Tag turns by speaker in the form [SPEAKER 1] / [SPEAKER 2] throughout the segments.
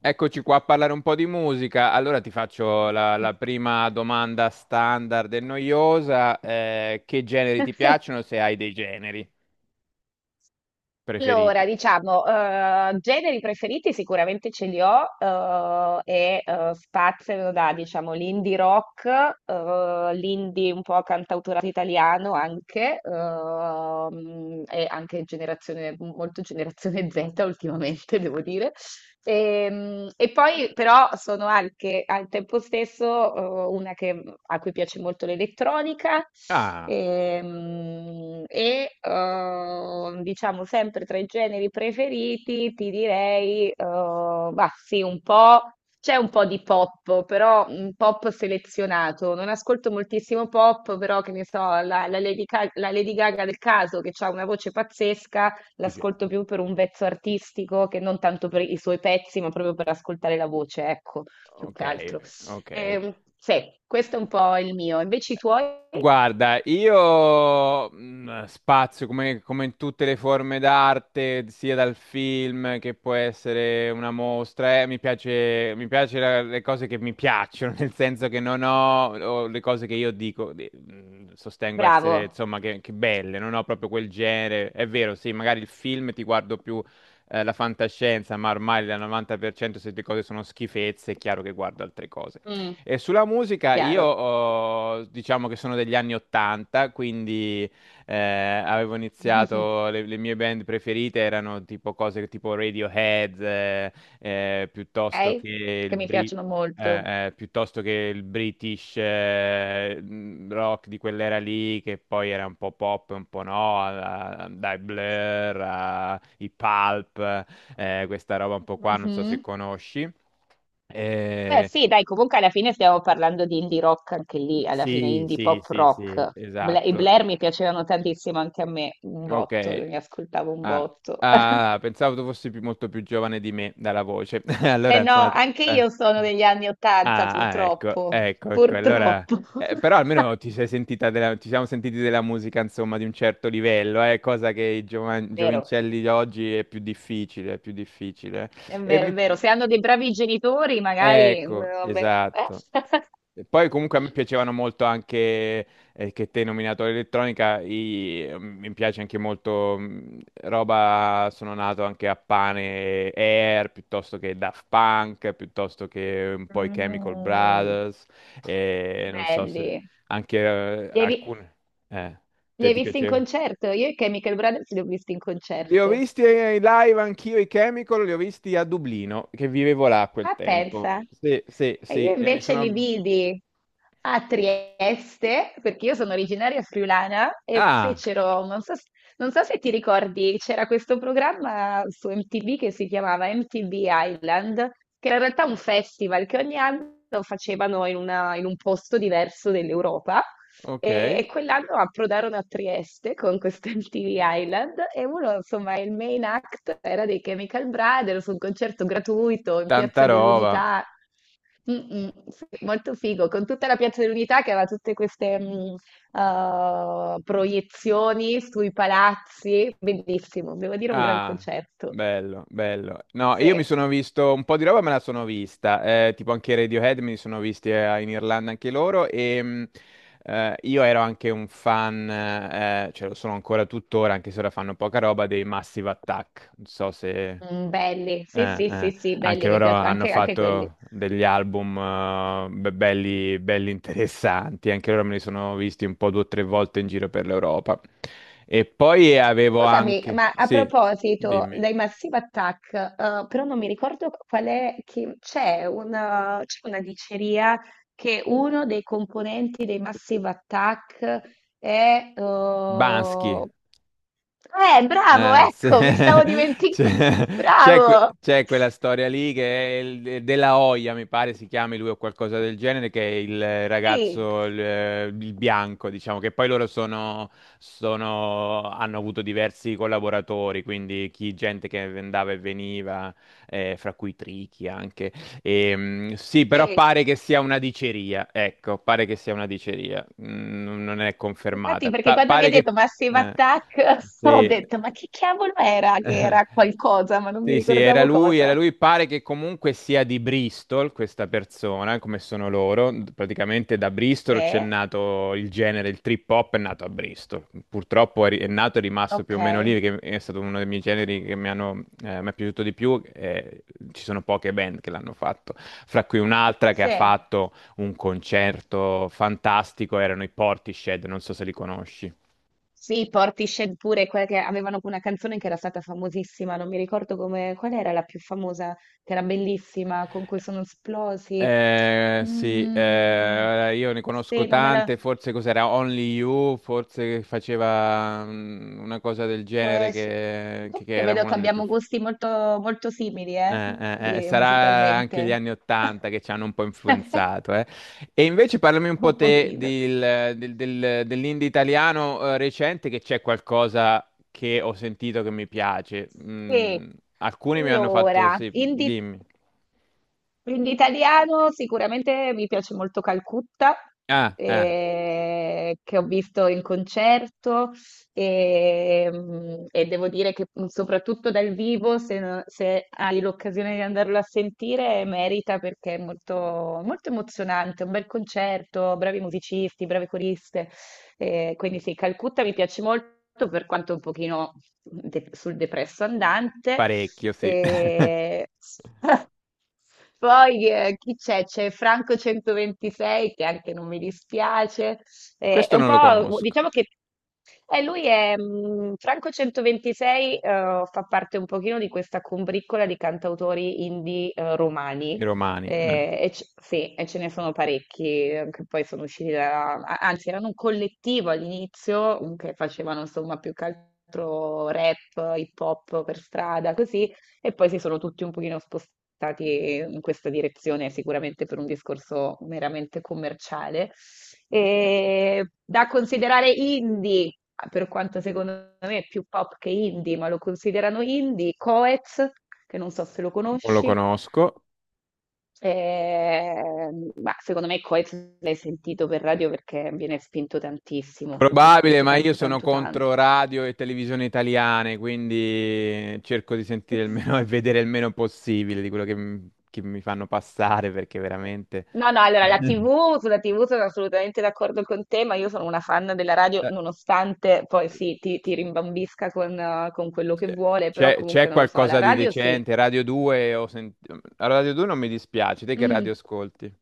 [SPEAKER 1] Eccoci qua a parlare un po' di musica. Allora ti faccio la prima domanda standard e noiosa. Che generi ti piacciono, se hai dei generi
[SPEAKER 2] Allora,
[SPEAKER 1] preferiti?
[SPEAKER 2] diciamo, generi preferiti sicuramente ce li ho spaziano da, diciamo, l'indie rock, l'indie un po' cantautorato italiano anche, e anche generazione, molto generazione Z ultimamente, devo dire. E poi però sono anche al tempo stesso a cui piace molto l'elettronica,
[SPEAKER 1] Ah,
[SPEAKER 2] diciamo sempre tra i generi preferiti ti direi, sì, un po', c'è un po' di pop, però un pop selezionato. Non ascolto moltissimo pop, però che ne so, la la Lady Gaga del caso, che ha una voce pazzesca,
[SPEAKER 1] ti piace.
[SPEAKER 2] l'ascolto più per un pezzo artistico che non tanto per i suoi pezzi, ma proprio per ascoltare la voce, ecco, più
[SPEAKER 1] Ok,
[SPEAKER 2] che altro.
[SPEAKER 1] ok.
[SPEAKER 2] Sì, questo è un po' il mio. Invece i tuoi?
[SPEAKER 1] Guarda, io spazio come, come in tutte le forme d'arte, sia dal film che può essere una mostra, mi piace, mi piace le cose che mi piacciono, nel senso che non ho, o le cose che io dico, sostengo essere,
[SPEAKER 2] Bravo.
[SPEAKER 1] insomma, che belle, non ho proprio quel genere. È vero, sì, magari il film ti guardo più la fantascienza, ma ormai la 90% se le cose sono schifezze, è chiaro che guardo altre cose.
[SPEAKER 2] Mm,
[SPEAKER 1] E sulla musica
[SPEAKER 2] chiaro.
[SPEAKER 1] diciamo che sono degli anni 80, quindi eh, avevo iniziato, le mie band preferite erano tipo cose tipo Radiohead, piuttosto
[SPEAKER 2] Ok?
[SPEAKER 1] che il
[SPEAKER 2] Che mi
[SPEAKER 1] Bri-
[SPEAKER 2] piacciono molto.
[SPEAKER 1] piuttosto che il British rock di quell'era lì, che poi era un po' pop, un po' no, dai Blur, i Pulp, questa roba un po' qua, non so se
[SPEAKER 2] Mhm.
[SPEAKER 1] conosci.
[SPEAKER 2] Beh,
[SPEAKER 1] Eh,
[SPEAKER 2] sì, dai, comunque alla fine stiamo parlando di indie rock anche lì, alla fine
[SPEAKER 1] sì,
[SPEAKER 2] indie
[SPEAKER 1] sì,
[SPEAKER 2] pop
[SPEAKER 1] sì, sì,
[SPEAKER 2] rock. I
[SPEAKER 1] esatto.
[SPEAKER 2] Blair mi piacevano tantissimo anche a me, un
[SPEAKER 1] Ok.
[SPEAKER 2] botto, li ascoltavo un
[SPEAKER 1] Ah,
[SPEAKER 2] botto.
[SPEAKER 1] ah, pensavo tu fossi molto più giovane di me dalla voce.
[SPEAKER 2] Eh
[SPEAKER 1] Allora, insomma.
[SPEAKER 2] no, anche io sono degli anni Ottanta,
[SPEAKER 1] Ah, ah, ecco,
[SPEAKER 2] purtroppo.
[SPEAKER 1] ecco, ecco. Allora,
[SPEAKER 2] Purtroppo.
[SPEAKER 1] però almeno ti sei sentita ci siamo sentiti della musica, insomma, di un certo livello, cosa che i
[SPEAKER 2] Vero,
[SPEAKER 1] giovincelli di oggi è più difficile, è più difficile.
[SPEAKER 2] è
[SPEAKER 1] E
[SPEAKER 2] vero, è
[SPEAKER 1] mi.
[SPEAKER 2] vero. Se hanno dei bravi genitori, magari...
[SPEAKER 1] Ecco,
[SPEAKER 2] vabbè.
[SPEAKER 1] esatto. E poi comunque a me piacevano molto anche, che te hai nominato l'elettronica, mi piace anche molto roba, sono nato anche a pane Air, piuttosto che Daft Punk, piuttosto che un po' i Chemical
[SPEAKER 2] Mm,
[SPEAKER 1] Brothers, e non so se
[SPEAKER 2] belli.
[SPEAKER 1] anche
[SPEAKER 2] Li hai, vi-
[SPEAKER 1] alcune. Eh,
[SPEAKER 2] Li
[SPEAKER 1] te
[SPEAKER 2] hai
[SPEAKER 1] ti
[SPEAKER 2] visti in
[SPEAKER 1] piaceva?
[SPEAKER 2] concerto? Io e Chemical Brothers li ho visti in
[SPEAKER 1] Li ho
[SPEAKER 2] concerto.
[SPEAKER 1] visti in live anch'io i Chemical, li ho visti a Dublino, che vivevo là a quel
[SPEAKER 2] Ah,
[SPEAKER 1] tempo.
[SPEAKER 2] pensa.
[SPEAKER 1] Sì, sì,
[SPEAKER 2] E
[SPEAKER 1] sì,
[SPEAKER 2] io
[SPEAKER 1] e mi
[SPEAKER 2] invece li
[SPEAKER 1] sono.
[SPEAKER 2] vidi a Trieste, perché io sono originaria friulana, e
[SPEAKER 1] Ah,
[SPEAKER 2] fecero, non so, non so se ti ricordi, c'era questo programma su MTV che si chiamava MTV Island, che era in realtà un festival che ogni anno facevano in un posto diverso dell'Europa. E
[SPEAKER 1] ok.
[SPEAKER 2] quell'anno approdarono a Trieste con questo MTV Island e uno, insomma, il main act era dei Chemical Brothers, un concerto gratuito in
[SPEAKER 1] Tanta
[SPEAKER 2] Piazza
[SPEAKER 1] roba.
[SPEAKER 2] dell'Unità. Mm, mm, sì, molto figo, con tutta la Piazza dell'Unità che aveva tutte queste proiezioni sui palazzi, bellissimo, devo dire un gran
[SPEAKER 1] Ah,
[SPEAKER 2] concerto.
[SPEAKER 1] bello, bello. No, io mi
[SPEAKER 2] Sì.
[SPEAKER 1] sono visto un po' di roba, me la sono vista. Tipo anche i Radiohead me li sono visti in Irlanda anche loro. E io ero anche un fan, cioè lo sono ancora tuttora, anche se ora fanno poca roba, dei Massive Attack. Non so se.
[SPEAKER 2] Mm, belli, sì,
[SPEAKER 1] Eh,
[SPEAKER 2] sì, sì,
[SPEAKER 1] eh.
[SPEAKER 2] sì,
[SPEAKER 1] Anche
[SPEAKER 2] belli, mi
[SPEAKER 1] loro
[SPEAKER 2] piace
[SPEAKER 1] hanno
[SPEAKER 2] anche, anche quelli.
[SPEAKER 1] fatto degli album belli, belli interessanti, anche loro me li sono visti un po' due o tre volte in giro per l'Europa. E poi avevo
[SPEAKER 2] Scusami,
[SPEAKER 1] anche,
[SPEAKER 2] ma a
[SPEAKER 1] sì,
[SPEAKER 2] proposito
[SPEAKER 1] dimmi.
[SPEAKER 2] dei Massive Attack, però non mi ricordo qual è, che c'è una diceria che uno dei componenti dei Massive Attack è...
[SPEAKER 1] Bansky.
[SPEAKER 2] bravo,
[SPEAKER 1] Eh, se-
[SPEAKER 2] ecco, mi stavo dimenticando.
[SPEAKER 1] c'è c'è- que-
[SPEAKER 2] Bravo!
[SPEAKER 1] c'è quella storia lì che è della Hoya, mi pare si chiami lui o qualcosa del genere, che è il
[SPEAKER 2] Sì,
[SPEAKER 1] ragazzo, il bianco, diciamo, che poi loro sono, hanno avuto diversi collaboratori, quindi chi, gente che andava e veniva, fra cui Tricky anche. E, sì, però
[SPEAKER 2] sì.
[SPEAKER 1] pare che sia una diceria, ecco, pare che sia una diceria. Non è
[SPEAKER 2] Infatti,
[SPEAKER 1] confermata.
[SPEAKER 2] perché quando mi ha
[SPEAKER 1] Pare
[SPEAKER 2] detto
[SPEAKER 1] che.
[SPEAKER 2] Massive
[SPEAKER 1] Eh,
[SPEAKER 2] Attack, ho
[SPEAKER 1] sì.
[SPEAKER 2] detto, ma che cavolo era? Che era qualcosa, ma non mi
[SPEAKER 1] Sì, sì, era
[SPEAKER 2] ricordavo
[SPEAKER 1] lui,
[SPEAKER 2] cosa.
[SPEAKER 1] era lui. Pare che comunque sia di Bristol questa persona, come sono loro. Praticamente da
[SPEAKER 2] Sì.
[SPEAKER 1] Bristol c'è nato il genere, il trip hop è nato a Bristol. Purtroppo è nato e rimasto più
[SPEAKER 2] Ok,
[SPEAKER 1] o meno lì, che è stato uno dei miei generi che mi hanno, mi è piaciuto di più. Ci sono poche band che l'hanno fatto, fra cui un'altra che ha
[SPEAKER 2] sì,
[SPEAKER 1] fatto un concerto fantastico, erano i Portishead, non so se li conosci.
[SPEAKER 2] sì, Portishead pure, quella che avevano una canzone che era stata famosissima, non mi ricordo come, qual era la più famosa, che era bellissima, con cui sono esplosi.
[SPEAKER 1] Sì,
[SPEAKER 2] Mm,
[SPEAKER 1] io ne conosco
[SPEAKER 2] sì, non me la...
[SPEAKER 1] tante, forse cos'era Only You, forse che faceva una cosa del genere
[SPEAKER 2] Quest...
[SPEAKER 1] che
[SPEAKER 2] Comunque
[SPEAKER 1] era
[SPEAKER 2] vedo che
[SPEAKER 1] una delle più.
[SPEAKER 2] abbiamo gusti molto, molto simili,
[SPEAKER 1] Sarà anche gli
[SPEAKER 2] musicalmente.
[SPEAKER 1] anni Ottanta che ci hanno un po' influenzato. E invece parlami un
[SPEAKER 2] Un
[SPEAKER 1] po' te
[SPEAKER 2] pochino.
[SPEAKER 1] dell'indie italiano recente, che c'è qualcosa che ho sentito che mi piace.
[SPEAKER 2] Sì,
[SPEAKER 1] Alcuni mi hanno fatto.
[SPEAKER 2] allora,
[SPEAKER 1] Sì,
[SPEAKER 2] indie
[SPEAKER 1] dimmi.
[SPEAKER 2] quindi italiano, sicuramente mi piace molto Calcutta,
[SPEAKER 1] Ah,
[SPEAKER 2] che ho visto in concerto e, e devo dire che soprattutto dal vivo, se hai l'occasione di andarlo a sentire, merita, perché è molto, molto emozionante, un bel concerto, bravi musicisti, brave coriste. Quindi sì, Calcutta mi piace molto, per quanto un pochino sul depresso andante.
[SPEAKER 1] parecchio, sì.
[SPEAKER 2] E... Poi chi c'è? C'è Franco 126 che anche non mi dispiace. È
[SPEAKER 1] Questo
[SPEAKER 2] un
[SPEAKER 1] non lo
[SPEAKER 2] po',
[SPEAKER 1] conosco,
[SPEAKER 2] diciamo che lui è Franco 126, fa parte un pochino di questa combriccola di cantautori indie
[SPEAKER 1] i
[SPEAKER 2] romani.
[SPEAKER 1] romani, eh.
[SPEAKER 2] E sì, e ce ne sono parecchi che poi sono usciti da, anzi, erano un collettivo all'inizio che facevano insomma più che altro rap, hip hop per strada, così. E poi si sono tutti un pochino spostati in questa direzione, sicuramente per un discorso meramente commerciale. E da considerare indie, per quanto secondo me è più pop che indie, ma lo considerano indie, Coez, che non so se lo
[SPEAKER 1] Non lo
[SPEAKER 2] conosci.
[SPEAKER 1] conosco.
[SPEAKER 2] Ma secondo me Coez l'hai sentito per radio, perché viene spinto tantissimo, proprio
[SPEAKER 1] Probabile,
[SPEAKER 2] spinto
[SPEAKER 1] ma io
[SPEAKER 2] tanto,
[SPEAKER 1] sono
[SPEAKER 2] tanto, tanto.
[SPEAKER 1] contro radio e televisione italiane, quindi cerco di sentire il meno e vedere il meno possibile di quello che, che mi fanno passare, perché veramente
[SPEAKER 2] No, no, allora la TV, sulla TV sono assolutamente d'accordo con te, ma io sono una fan della radio,
[SPEAKER 1] eh,
[SPEAKER 2] nonostante poi sì, ti rimbambisca con quello che
[SPEAKER 1] c'è
[SPEAKER 2] vuole, però
[SPEAKER 1] c'è-
[SPEAKER 2] comunque
[SPEAKER 1] c'è
[SPEAKER 2] non lo so, la
[SPEAKER 1] qualcosa di
[SPEAKER 2] radio sì.
[SPEAKER 1] decente. Radio 2 non mi dispiace, te che
[SPEAKER 2] Mm.
[SPEAKER 1] radio ascolti?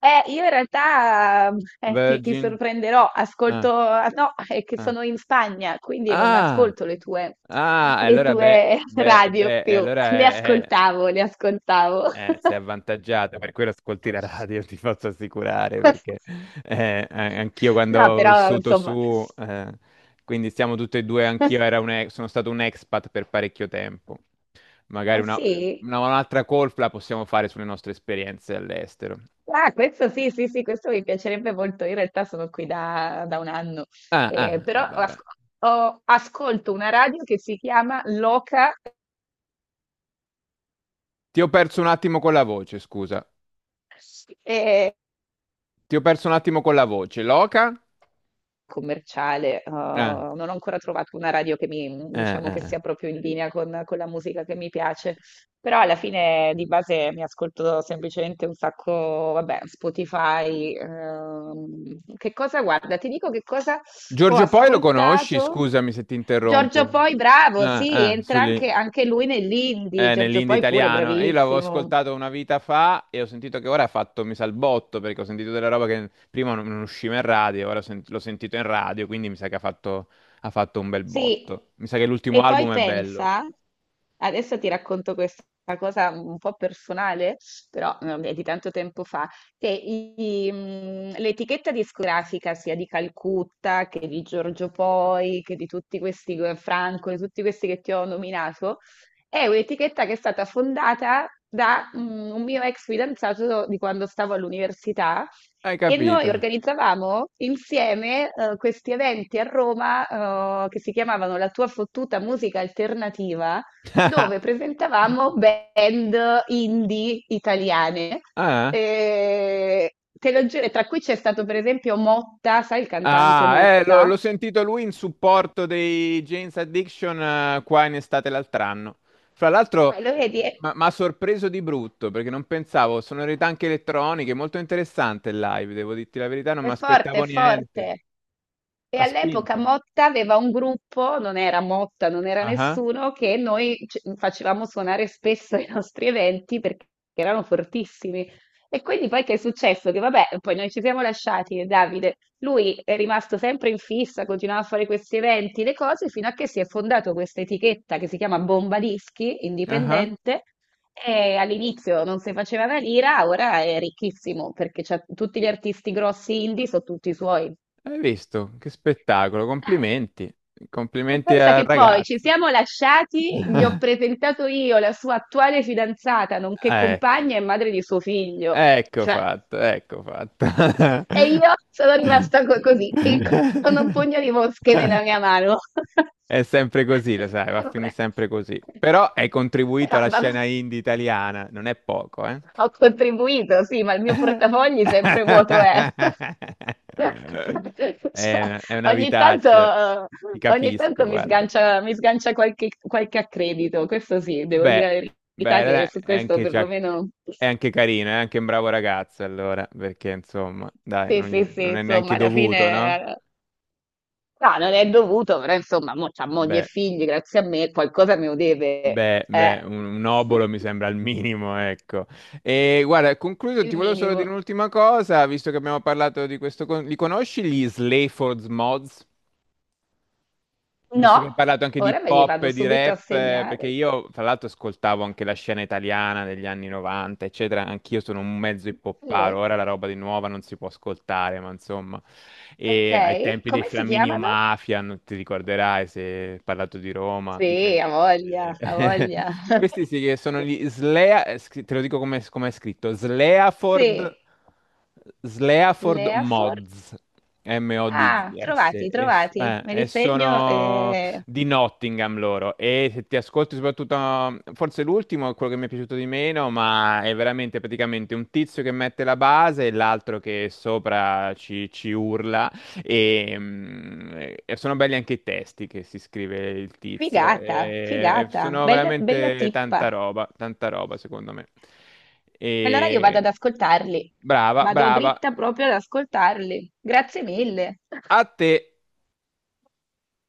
[SPEAKER 2] Io in realtà ti
[SPEAKER 1] Virgin?
[SPEAKER 2] sorprenderò,
[SPEAKER 1] Ah,
[SPEAKER 2] ascolto, ah, no, è che
[SPEAKER 1] ah,
[SPEAKER 2] sono in Spagna, quindi non mi
[SPEAKER 1] ah,
[SPEAKER 2] ascolto
[SPEAKER 1] ah,
[SPEAKER 2] le
[SPEAKER 1] allora beh,
[SPEAKER 2] tue
[SPEAKER 1] beh,
[SPEAKER 2] radio
[SPEAKER 1] beh,
[SPEAKER 2] più,
[SPEAKER 1] allora
[SPEAKER 2] le
[SPEAKER 1] è.
[SPEAKER 2] ascoltavo, le ascoltavo.
[SPEAKER 1] Sei avvantaggiata, per quello ascolti la radio, ti posso assicurare, perché anch'io quando
[SPEAKER 2] No,
[SPEAKER 1] ho
[SPEAKER 2] però
[SPEAKER 1] vissuto
[SPEAKER 2] insomma.
[SPEAKER 1] su, quindi siamo tutti e due, anch'io era un sono stato un expat per parecchio tempo. Magari
[SPEAKER 2] Ah sì?
[SPEAKER 1] un'altra call la possiamo fare sulle nostre esperienze all'estero.
[SPEAKER 2] Ah, questo sì, sì, sì, questo mi piacerebbe molto. Io in realtà sono qui da, da un anno.
[SPEAKER 1] Ah, ah,
[SPEAKER 2] Però
[SPEAKER 1] vabbè.
[SPEAKER 2] ascolto una radio che si chiama Loca,
[SPEAKER 1] Ti ho perso un attimo con la voce, scusa.
[SPEAKER 2] eh,
[SPEAKER 1] Ti ho perso un attimo con la voce. Loca?
[SPEAKER 2] commerciale,
[SPEAKER 1] Eh,
[SPEAKER 2] non ho ancora trovato una radio che mi
[SPEAKER 1] eh,
[SPEAKER 2] diciamo
[SPEAKER 1] eh.
[SPEAKER 2] che
[SPEAKER 1] eh.
[SPEAKER 2] sia proprio in linea con la musica che mi piace, però alla fine di base mi ascolto semplicemente un sacco, vabbè, Spotify, che cosa guarda, ti dico che cosa ho
[SPEAKER 1] Giorgio Poi lo conosci?
[SPEAKER 2] ascoltato.
[SPEAKER 1] Scusami se ti
[SPEAKER 2] Giorgio
[SPEAKER 1] interrompo.
[SPEAKER 2] Poi, bravo,
[SPEAKER 1] Ah,
[SPEAKER 2] sì,
[SPEAKER 1] ah,
[SPEAKER 2] entra anche anche lui nell'indie,
[SPEAKER 1] Eh,
[SPEAKER 2] Giorgio
[SPEAKER 1] nell'indie
[SPEAKER 2] Poi pure
[SPEAKER 1] italiano. Io l'avevo
[SPEAKER 2] bravissimo.
[SPEAKER 1] ascoltato una vita fa e ho sentito che ora ha fatto mi sa il botto perché ho sentito della roba che prima non usciva in radio, ora l'ho sentito in radio, quindi mi sa che ha fatto un bel
[SPEAKER 2] Sì,
[SPEAKER 1] botto. Mi sa che l'ultimo
[SPEAKER 2] e poi
[SPEAKER 1] album è bello.
[SPEAKER 2] pensa, adesso ti racconto questa cosa un po' personale, però vabbè, di tanto tempo fa, che l'etichetta discografica sia di Calcutta che di Giorgio Poi, che di tutti questi, Franco, di tutti questi che ti ho nominato, è un'etichetta che è stata fondata da un mio ex fidanzato di quando stavo all'università.
[SPEAKER 1] Hai
[SPEAKER 2] E
[SPEAKER 1] capito?
[SPEAKER 2] noi organizzavamo insieme questi eventi a Roma che si chiamavano La tua fottuta musica alternativa, dove presentavamo band indie italiane.
[SPEAKER 1] Ah?
[SPEAKER 2] E te lo giuro, tra cui c'è stato per esempio Motta, sai il cantante
[SPEAKER 1] Ah, l'ho
[SPEAKER 2] Motta?
[SPEAKER 1] l'ho sentito lui in supporto dei Jane's Addiction qua in estate l'altro anno. Fra l'altro,
[SPEAKER 2] Lo vedi?
[SPEAKER 1] mi ha sorpreso di brutto perché non pensavo, sonorità anche elettroniche, molto interessante il live, devo dirti la verità, non
[SPEAKER 2] È
[SPEAKER 1] mi
[SPEAKER 2] forte,
[SPEAKER 1] aspettavo
[SPEAKER 2] è
[SPEAKER 1] niente.
[SPEAKER 2] forte. E
[SPEAKER 1] Ha
[SPEAKER 2] all'epoca
[SPEAKER 1] spinto.
[SPEAKER 2] Motta aveva un gruppo, non era Motta, non era
[SPEAKER 1] Ah,
[SPEAKER 2] nessuno, che facevamo suonare spesso ai nostri eventi perché erano fortissimi. E quindi poi che è successo? Che vabbè, poi noi ci siamo lasciati, e Davide, lui è rimasto sempre in fissa, continuava a fare questi eventi, le cose, fino a che si è fondato questa etichetta che si chiama Bomba Dischi,
[SPEAKER 1] ah, ah.
[SPEAKER 2] indipendente, e all'inizio non si faceva una lira, ora è ricchissimo perché c'ha tutti gli artisti grossi indie, sono tutti suoi.
[SPEAKER 1] Hai visto? Che spettacolo, complimenti.
[SPEAKER 2] E
[SPEAKER 1] Complimenti
[SPEAKER 2] pensa
[SPEAKER 1] al
[SPEAKER 2] che poi ci
[SPEAKER 1] ragazzo.
[SPEAKER 2] siamo lasciati, gli ho presentato io la sua attuale fidanzata, nonché
[SPEAKER 1] Ecco,
[SPEAKER 2] compagna e madre di suo figlio.
[SPEAKER 1] ecco
[SPEAKER 2] Cioè,
[SPEAKER 1] fatto, ecco fatto.
[SPEAKER 2] e io sono rimasta co- così, e con un pugno di mosche nella mia mano.
[SPEAKER 1] È sempre così, lo sai, va a finire
[SPEAKER 2] Vabbè.
[SPEAKER 1] sempre così. Però hai contribuito
[SPEAKER 2] Però
[SPEAKER 1] alla
[SPEAKER 2] vabbè.
[SPEAKER 1] scena indie italiana, non è poco, eh?
[SPEAKER 2] Ho contribuito, sì, ma il mio portafogli sempre vuoto è. Cioè,
[SPEAKER 1] È una
[SPEAKER 2] ogni tanto,
[SPEAKER 1] vitaccia,
[SPEAKER 2] eh,
[SPEAKER 1] ti
[SPEAKER 2] ogni
[SPEAKER 1] capisco,
[SPEAKER 2] tanto
[SPEAKER 1] guarda.
[SPEAKER 2] mi sgancia qualche, qualche accredito, questo sì, devo
[SPEAKER 1] Beh,
[SPEAKER 2] dire la
[SPEAKER 1] beh,
[SPEAKER 2] verità che
[SPEAKER 1] allora
[SPEAKER 2] su
[SPEAKER 1] è
[SPEAKER 2] questo
[SPEAKER 1] anche, già-
[SPEAKER 2] perlomeno...
[SPEAKER 1] è anche carino, è anche un bravo ragazzo, allora, perché insomma, dai,
[SPEAKER 2] Sì,
[SPEAKER 1] non,
[SPEAKER 2] sì, sì,
[SPEAKER 1] non è
[SPEAKER 2] insomma,
[SPEAKER 1] neanche
[SPEAKER 2] alla
[SPEAKER 1] dovuto, no?
[SPEAKER 2] fine... no, non è dovuto, però insomma, mo c'ha moglie e
[SPEAKER 1] Beh.
[SPEAKER 2] figli, grazie a me, qualcosa me lo deve,
[SPEAKER 1] Beh,
[SPEAKER 2] eh.
[SPEAKER 1] beh, un obolo mi sembra il minimo, ecco. E guarda, concluso, ti
[SPEAKER 2] Il
[SPEAKER 1] volevo solo
[SPEAKER 2] minimo.
[SPEAKER 1] dire un'ultima cosa, visto che abbiamo parlato di questo. Li conosci gli Slayford's Mods?
[SPEAKER 2] No,
[SPEAKER 1] Visto che hai parlato anche di
[SPEAKER 2] ora me li
[SPEAKER 1] pop e
[SPEAKER 2] vado
[SPEAKER 1] di
[SPEAKER 2] subito a
[SPEAKER 1] rap, perché
[SPEAKER 2] segnare.
[SPEAKER 1] io, tra l'altro, ascoltavo anche la scena italiana degli anni 90, eccetera. Anch'io sono un mezzo
[SPEAKER 2] Eh.
[SPEAKER 1] hippopparo, ora la roba di nuova non si può ascoltare, ma insomma. E ai
[SPEAKER 2] Ok,
[SPEAKER 1] tempi dei
[SPEAKER 2] come si
[SPEAKER 1] Flaminio
[SPEAKER 2] chiamano?
[SPEAKER 1] Mafia, non ti ricorderai se hai parlato di Roma,
[SPEAKER 2] Sì,
[SPEAKER 1] gente
[SPEAKER 2] ha voglia, ha
[SPEAKER 1] eh,
[SPEAKER 2] voglia.
[SPEAKER 1] Questi sì che sono te lo dico come, è scritto, Sleaford,
[SPEAKER 2] Sì,
[SPEAKER 1] Sleaford
[SPEAKER 2] Sleafor.
[SPEAKER 1] Mods,
[SPEAKER 2] Ah,
[SPEAKER 1] M-O-D-S, e,
[SPEAKER 2] trovati,
[SPEAKER 1] s-
[SPEAKER 2] trovati.
[SPEAKER 1] eh,
[SPEAKER 2] Me li
[SPEAKER 1] e
[SPEAKER 2] segno.
[SPEAKER 1] sono di Nottingham loro. E se ti ascolti soprattutto, forse l'ultimo è quello che mi è piaciuto di meno, ma è veramente praticamente un tizio che mette la base e l'altro che sopra ci urla. Ehm, E, mm, e sono belli anche i testi che si scrive il tizio.
[SPEAKER 2] Figata,
[SPEAKER 1] E
[SPEAKER 2] figata,
[SPEAKER 1] sono
[SPEAKER 2] bella, bella
[SPEAKER 1] veramente
[SPEAKER 2] tippa.
[SPEAKER 1] tanta roba secondo me.
[SPEAKER 2] Allora io vado ad
[SPEAKER 1] E,
[SPEAKER 2] ascoltarli.
[SPEAKER 1] brava,
[SPEAKER 2] Vado
[SPEAKER 1] brava.
[SPEAKER 2] dritta proprio ad ascoltarli. Grazie mille.
[SPEAKER 1] A te.